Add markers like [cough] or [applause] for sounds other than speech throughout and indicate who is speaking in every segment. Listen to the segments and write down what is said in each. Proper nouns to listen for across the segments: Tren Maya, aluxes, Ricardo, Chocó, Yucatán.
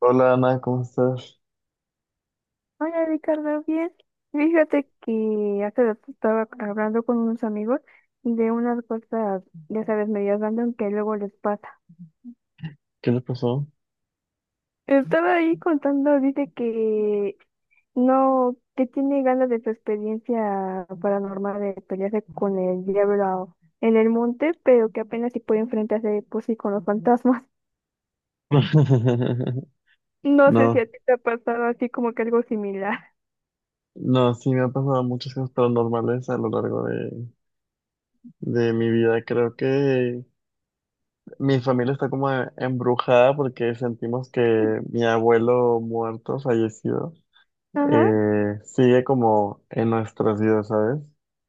Speaker 1: Hola Ana, ¿cómo estás?
Speaker 2: Hola Ricardo, bien. Fíjate que hace rato estaba hablando con unos amigos de unas cosas, ya sabes, medias random que luego les pasa.
Speaker 1: ¿Qué le pasó?
Speaker 2: Estaba ahí contando, dice que no, que tiene ganas de su experiencia paranormal de pelearse con el diablo en el monte, pero que apenas si puede enfrentarse pues sí con los fantasmas. [laughs]
Speaker 1: [laughs]
Speaker 2: No sé si a
Speaker 1: No,
Speaker 2: ti te ha pasado así como que algo similar.
Speaker 1: no, sí me han pasado muchas cosas paranormales a lo largo de mi vida. Creo que mi familia está como embrujada porque sentimos que mi abuelo muerto, fallecido,
Speaker 2: Ajá.
Speaker 1: sigue como en nuestras vidas, ¿sabes?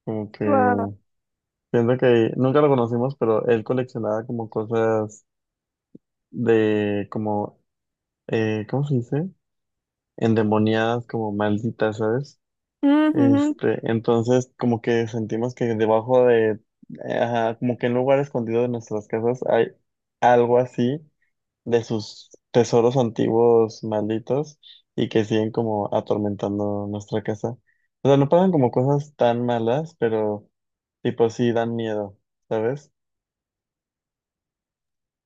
Speaker 1: Como que
Speaker 2: Wow.
Speaker 1: siento que nunca lo conocimos, pero él coleccionaba como cosas de como, ¿cómo se dice? Endemoniadas, como malditas, ¿sabes? Este, entonces como que sentimos ajá, como que en un lugar escondido de nuestras casas hay algo así de sus tesoros antiguos malditos y que siguen como atormentando nuestra casa. O sea, no pasan como cosas tan malas, pero tipo sí dan miedo, ¿sabes?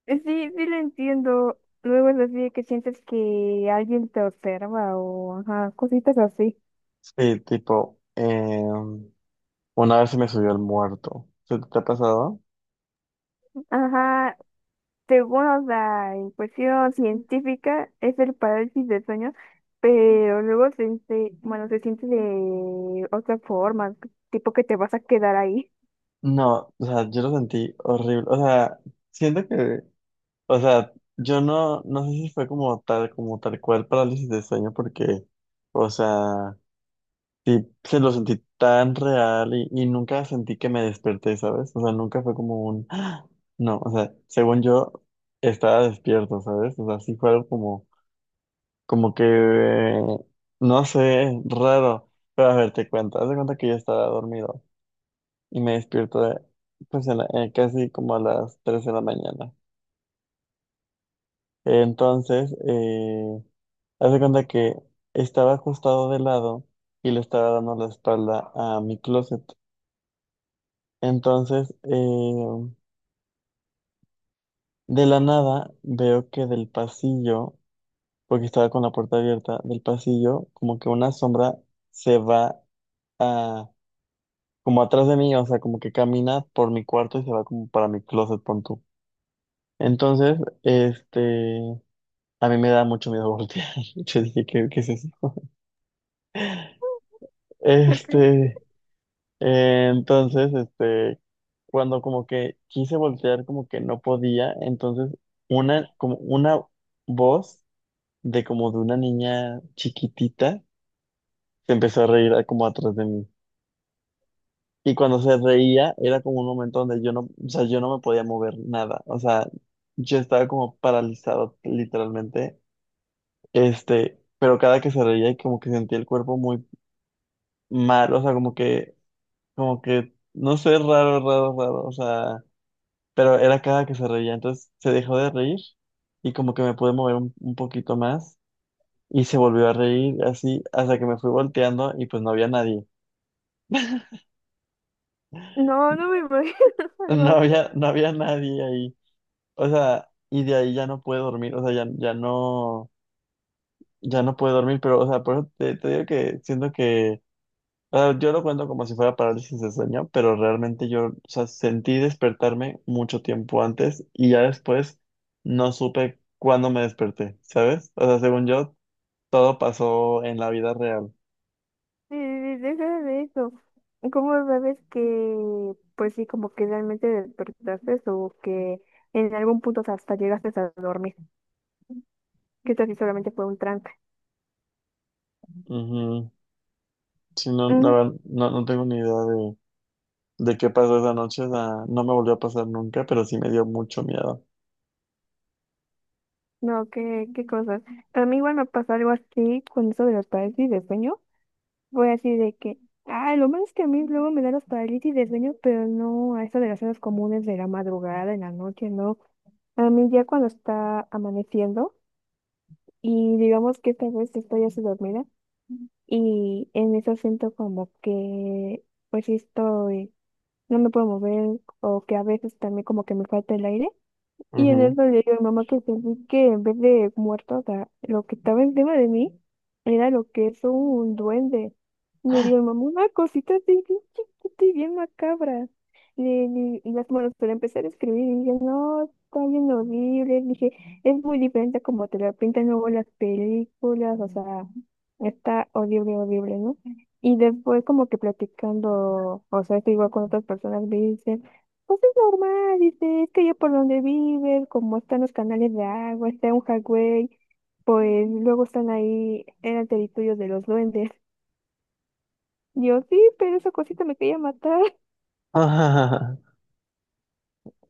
Speaker 2: Sí, sí lo entiendo. Luego es así de que sientes que alguien te observa o ajá, cositas así.
Speaker 1: Sí, tipo, una vez se me subió el muerto. ¿Se te ha pasado?
Speaker 2: Ajá, según o sea, en cuestión científica es el parálisis de sueño, pero luego bueno, se siente de otra forma, tipo que te vas a quedar ahí.
Speaker 1: No, o sea, yo lo sentí horrible. O sea, siento que, o sea, yo no, no sé si fue como tal cual parálisis de sueño, porque, o sea, sí se lo sentí tan real y nunca sentí que me desperté, ¿sabes? O sea, nunca fue como un, "Ah". No, o sea, según yo estaba despierto, ¿sabes? O sea, sí fue algo como que, eh, no sé, raro. Pero a ver, te cuento, haz de cuenta que yo estaba dormido y pues casi como a las 3 de la mañana. Entonces, haz de cuenta que estaba acostado de lado y le estaba dando la espalda a mi closet. Entonces, de la nada veo que del pasillo, porque estaba con la puerta abierta, del pasillo como que una sombra se a, como atrás de mí, o sea, como que camina por mi cuarto y se va como para mi closet, pon tú. Entonces, este, a mí me da mucho miedo voltear. [laughs] Yo dije, ¿qué es eso?
Speaker 2: Ok.
Speaker 1: Este, eh, entonces, este, cuando como que quise voltear, como que no podía, entonces como una voz de como de una niña chiquitita se empezó como atrás de mí. Y cuando se reía, era como un momento donde yo no, o sea, yo no me podía mover nada. O sea, yo estaba como paralizado, literalmente. Este, pero cada que se reía y como que sentía el cuerpo muy mal, o sea, como que como que, no sé, raro, raro, raro, o sea, pero era cada que se reía, entonces se dejó de reír y como que me pude mover un poquito más y se volvió a reír así hasta que me fui volteando y pues no había nadie,
Speaker 2: No, no me imagino [laughs]
Speaker 1: [laughs]
Speaker 2: algo.
Speaker 1: no había nadie ahí, o sea, y de ahí ya no pude dormir, o sea, ya no pude dormir, pero, o sea, por eso te digo que siento que ah, yo lo cuento como si fuera parálisis de sueño, pero realmente yo, o sea, sentí despertarme mucho tiempo antes y ya después no supe cuándo me desperté, ¿sabes? O sea, según yo, todo pasó en la vida real.
Speaker 2: Sí, sí, sí, deja de eso. ¿Cómo sabes que, pues sí, como que realmente despertaste o que en algún punto hasta llegaste a dormir? Que esto sí solamente fue un trance.
Speaker 1: Ujú. Sí, no, la
Speaker 2: Ujú.
Speaker 1: verdad, no tengo ni idea de qué pasó esa noche, o sea, no me volvió a pasar nunca, pero sí me dio mucho miedo.
Speaker 2: No, qué cosas. A mí igual me pasó algo así con eso de las parálisis de sueño. Fue así de que, ah, lo malo es que a mí luego me dan las parálisis de sueño, pero no a eso de las horas comunes de la madrugada, en la noche, no. A mí ya cuando está amaneciendo y digamos que esta vez estoy así dormida. Y en eso siento como que, pues sí estoy, no me puedo mover o que a veces también como que me falta el aire. Y en
Speaker 1: Ujú.
Speaker 2: eso le digo a mi mamá que sentí que en vez de muerto, o sea, lo que estaba encima de mí era lo que es un duende. Y le digo a mi mamá, una cosita así bien chiquita y bien macabra. Y las manos para empezar a escribir y dije, no, está bien horrible. Dije, es muy diferente a como te lo pintan luego las películas, o sea, está horrible, horrible, ¿no? Y después como que platicando, o sea, esto igual con otras personas, me dicen, pues es normal, dice, es que yo por donde vives, como están los canales de agua, está un jagüey, pues luego están ahí, eran territorios de los duendes. Yo sí, pero esa cosita me quería matar.
Speaker 1: [laughs]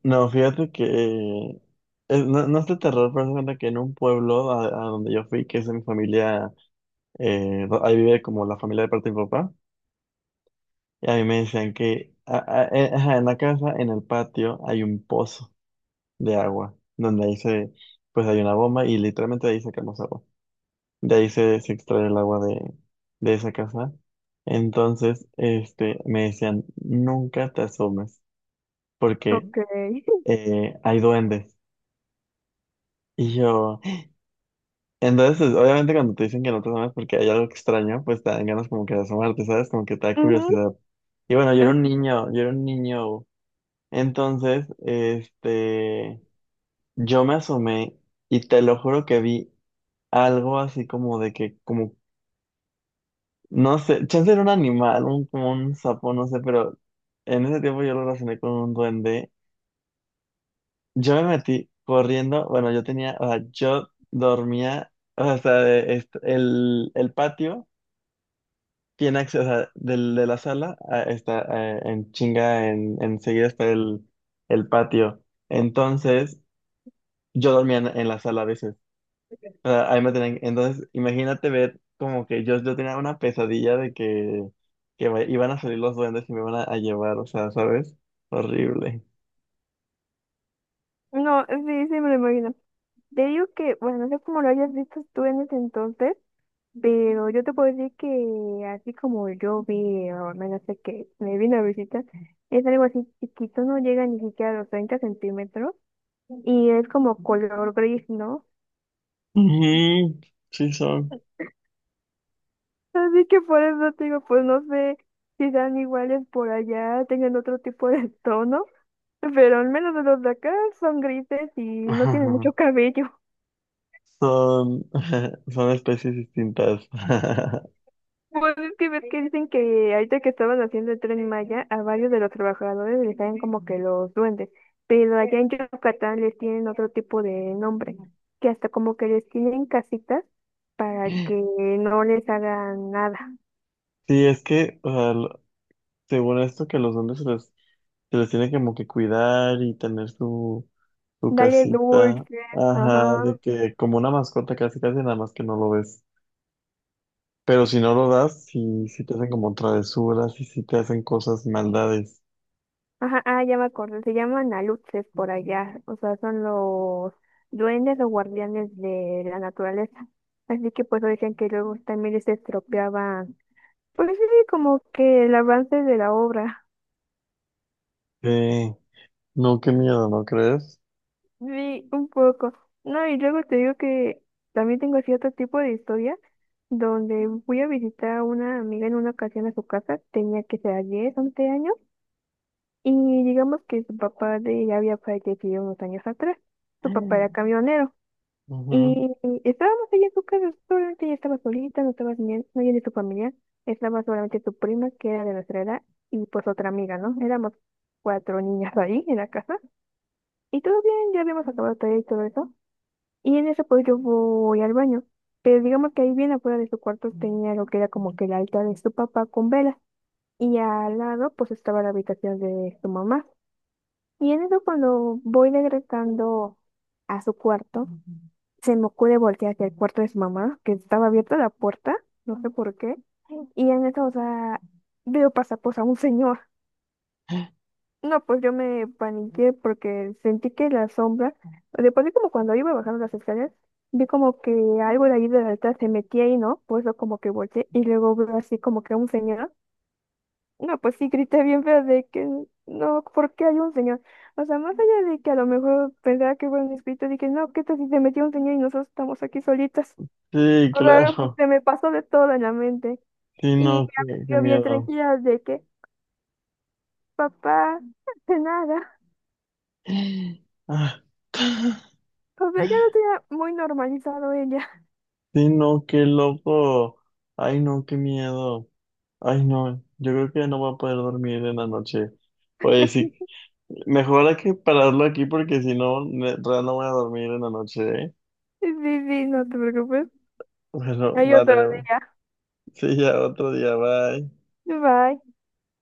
Speaker 1: No, fíjate que no, no es de terror, pero haz de cuenta que en un pueblo a donde yo fui, que es de mi familia ahí vive como la familia de parte de mi papá, y a mí me decían ajá, en la casa, en el patio, hay un pozo de agua, donde pues hay una bomba y literalmente de ahí sacamos agua. De ahí se extrae el agua de esa casa. Entonces, este, me decían, nunca te asomes, porque
Speaker 2: Ok. [laughs]
Speaker 1: hay duendes. Y yo, entonces, obviamente cuando te dicen que no te asomes porque hay algo extraño, pues te dan ganas como que de asomarte, ¿sabes? Como que te da
Speaker 2: Ujú.
Speaker 1: curiosidad. Y bueno, yo era un niño, yo era un niño. Entonces, este, yo me asomé y te lo juro que vi algo así como de que, como, no sé, chance era un animal, como un sapo, no sé, pero en ese tiempo yo lo relacioné con un duende. Yo me metí corriendo, bueno, yo tenía, o sea, yo dormía, o sea, el patio tiene acceso, o sea, de la sala a- está en chinga, enseguida está el patio. Entonces, yo dormía en la sala a veces. O sea, ahí me tenían- entonces, imagínate ver como que yo tenía una pesadilla de que, iban a salir los duendes y me iban a llevar, o sea, ¿sabes? Horrible.
Speaker 2: No, sí, sí me lo imagino. Te digo que, bueno, no sé cómo lo hayas visto tú en ese entonces, pero yo te puedo decir que así como yo vi, o al menos sé que me vino a visitar, es algo así chiquito, no llega ni siquiera a los 30 centímetros. Y es como color gris, ¿no?
Speaker 1: Ujú, sí, son.
Speaker 2: Así que por eso te digo, pues no sé si sean iguales por allá, tengan otro tipo de [laughs] tono, pero al menos los de acá son grises y no tienen mucho
Speaker 1: Ajá.
Speaker 2: cabello.
Speaker 1: Son, [laughs] son especies distintas. [laughs]
Speaker 2: Pues es que ves que dicen que ahorita que estaban haciendo el Tren Maya, a varios de los trabajadores les salen como que los duendes, pero allá en Yucatán les tienen otro tipo de nombre, que hasta como que les tienen casitas para que no les hagan nada.
Speaker 1: Sí, es que, o sea, según esto, que los hombres se les tiene como que cuidar y tener su
Speaker 2: Dale
Speaker 1: casita.
Speaker 2: dulce,
Speaker 1: Ajá,
Speaker 2: ajá.
Speaker 1: de que como una mascota casi casi nada más que no lo ves. Pero si no lo das, sí te hacen como travesuras y sí te hacen cosas, maldades.
Speaker 2: Ajá, ah, ya me acordé, se llaman aluxes por allá, o sea, son los duendes o guardianes de la naturaleza. Así que pues decían que luego también se estropeaban. Pues sí, como que el avance de la obra,
Speaker 1: Sí, no, qué miedo, ¿no crees?
Speaker 2: sí, un poco. No, y luego te digo que también tengo cierto tipo de historia donde fui a visitar a una amiga en una ocasión a su casa, tenía que ser 10 u 11 años, y digamos que su papá de ella había fallecido unos años atrás, su papá
Speaker 1: Mm.
Speaker 2: era camionero.
Speaker 1: Ujú.
Speaker 2: Y estábamos ahí en su casa, solamente ella estaba solita, no estaba nadie de su familia, estaba solamente su prima, que era de nuestra edad, y pues otra amiga, ¿no? Éramos cuatro niñas ahí en la casa, y todo bien, ya habíamos acabado tarea y todo eso, y en eso pues yo voy al baño, pero digamos que ahí bien afuera de su cuarto tenía lo que era como que el altar de su papá con velas, y al lado pues estaba la habitación de su mamá. Y en eso cuando voy regresando a su cuarto, se me ocurre voltear hacia el cuarto de su mamá, que estaba abierta la puerta, no sé por qué. Y en eso, o sea, veo pasar pues a un señor. No, pues yo me paniqué porque sentí que la sombra, después de como cuando iba bajando las escaleras, vi como que algo de ahí de la alta se metía ahí, ¿no? Pues yo como que volteé y luego veo así como que a un señor. No, pues sí, grité bien feo de que no, ¿por qué hay un señor? O sea, más allá de que a lo mejor pensaba que fueron mis gritos, dije, no, ¿qué tal si se metió un señor y nosotros estamos aquí solitas?
Speaker 1: Sí,
Speaker 2: O sea, pues,
Speaker 1: claro.
Speaker 2: se me pasó de todo en la mente.
Speaker 1: Sí,
Speaker 2: Y
Speaker 1: no, qué
Speaker 2: yo bien
Speaker 1: miedo.
Speaker 2: tranquila de que, papá, de nada.
Speaker 1: [gasps] Ah.
Speaker 2: O sea, ya lo tenía muy normalizado ella. [laughs]
Speaker 1: Sí, no, qué loco. Ay, no, qué miedo. Ay, no, yo creo que no voy a poder dormir en la noche. Oye, sí, mejor hay que pararlo aquí porque si no, real no voy a dormir en la noche, ¿eh?
Speaker 2: Sí, sí, no te preocupes.
Speaker 1: [laughs] Bueno,
Speaker 2: Hay otro
Speaker 1: vale.
Speaker 2: día.
Speaker 1: Sí, ya otro día, bye.
Speaker 2: Bye.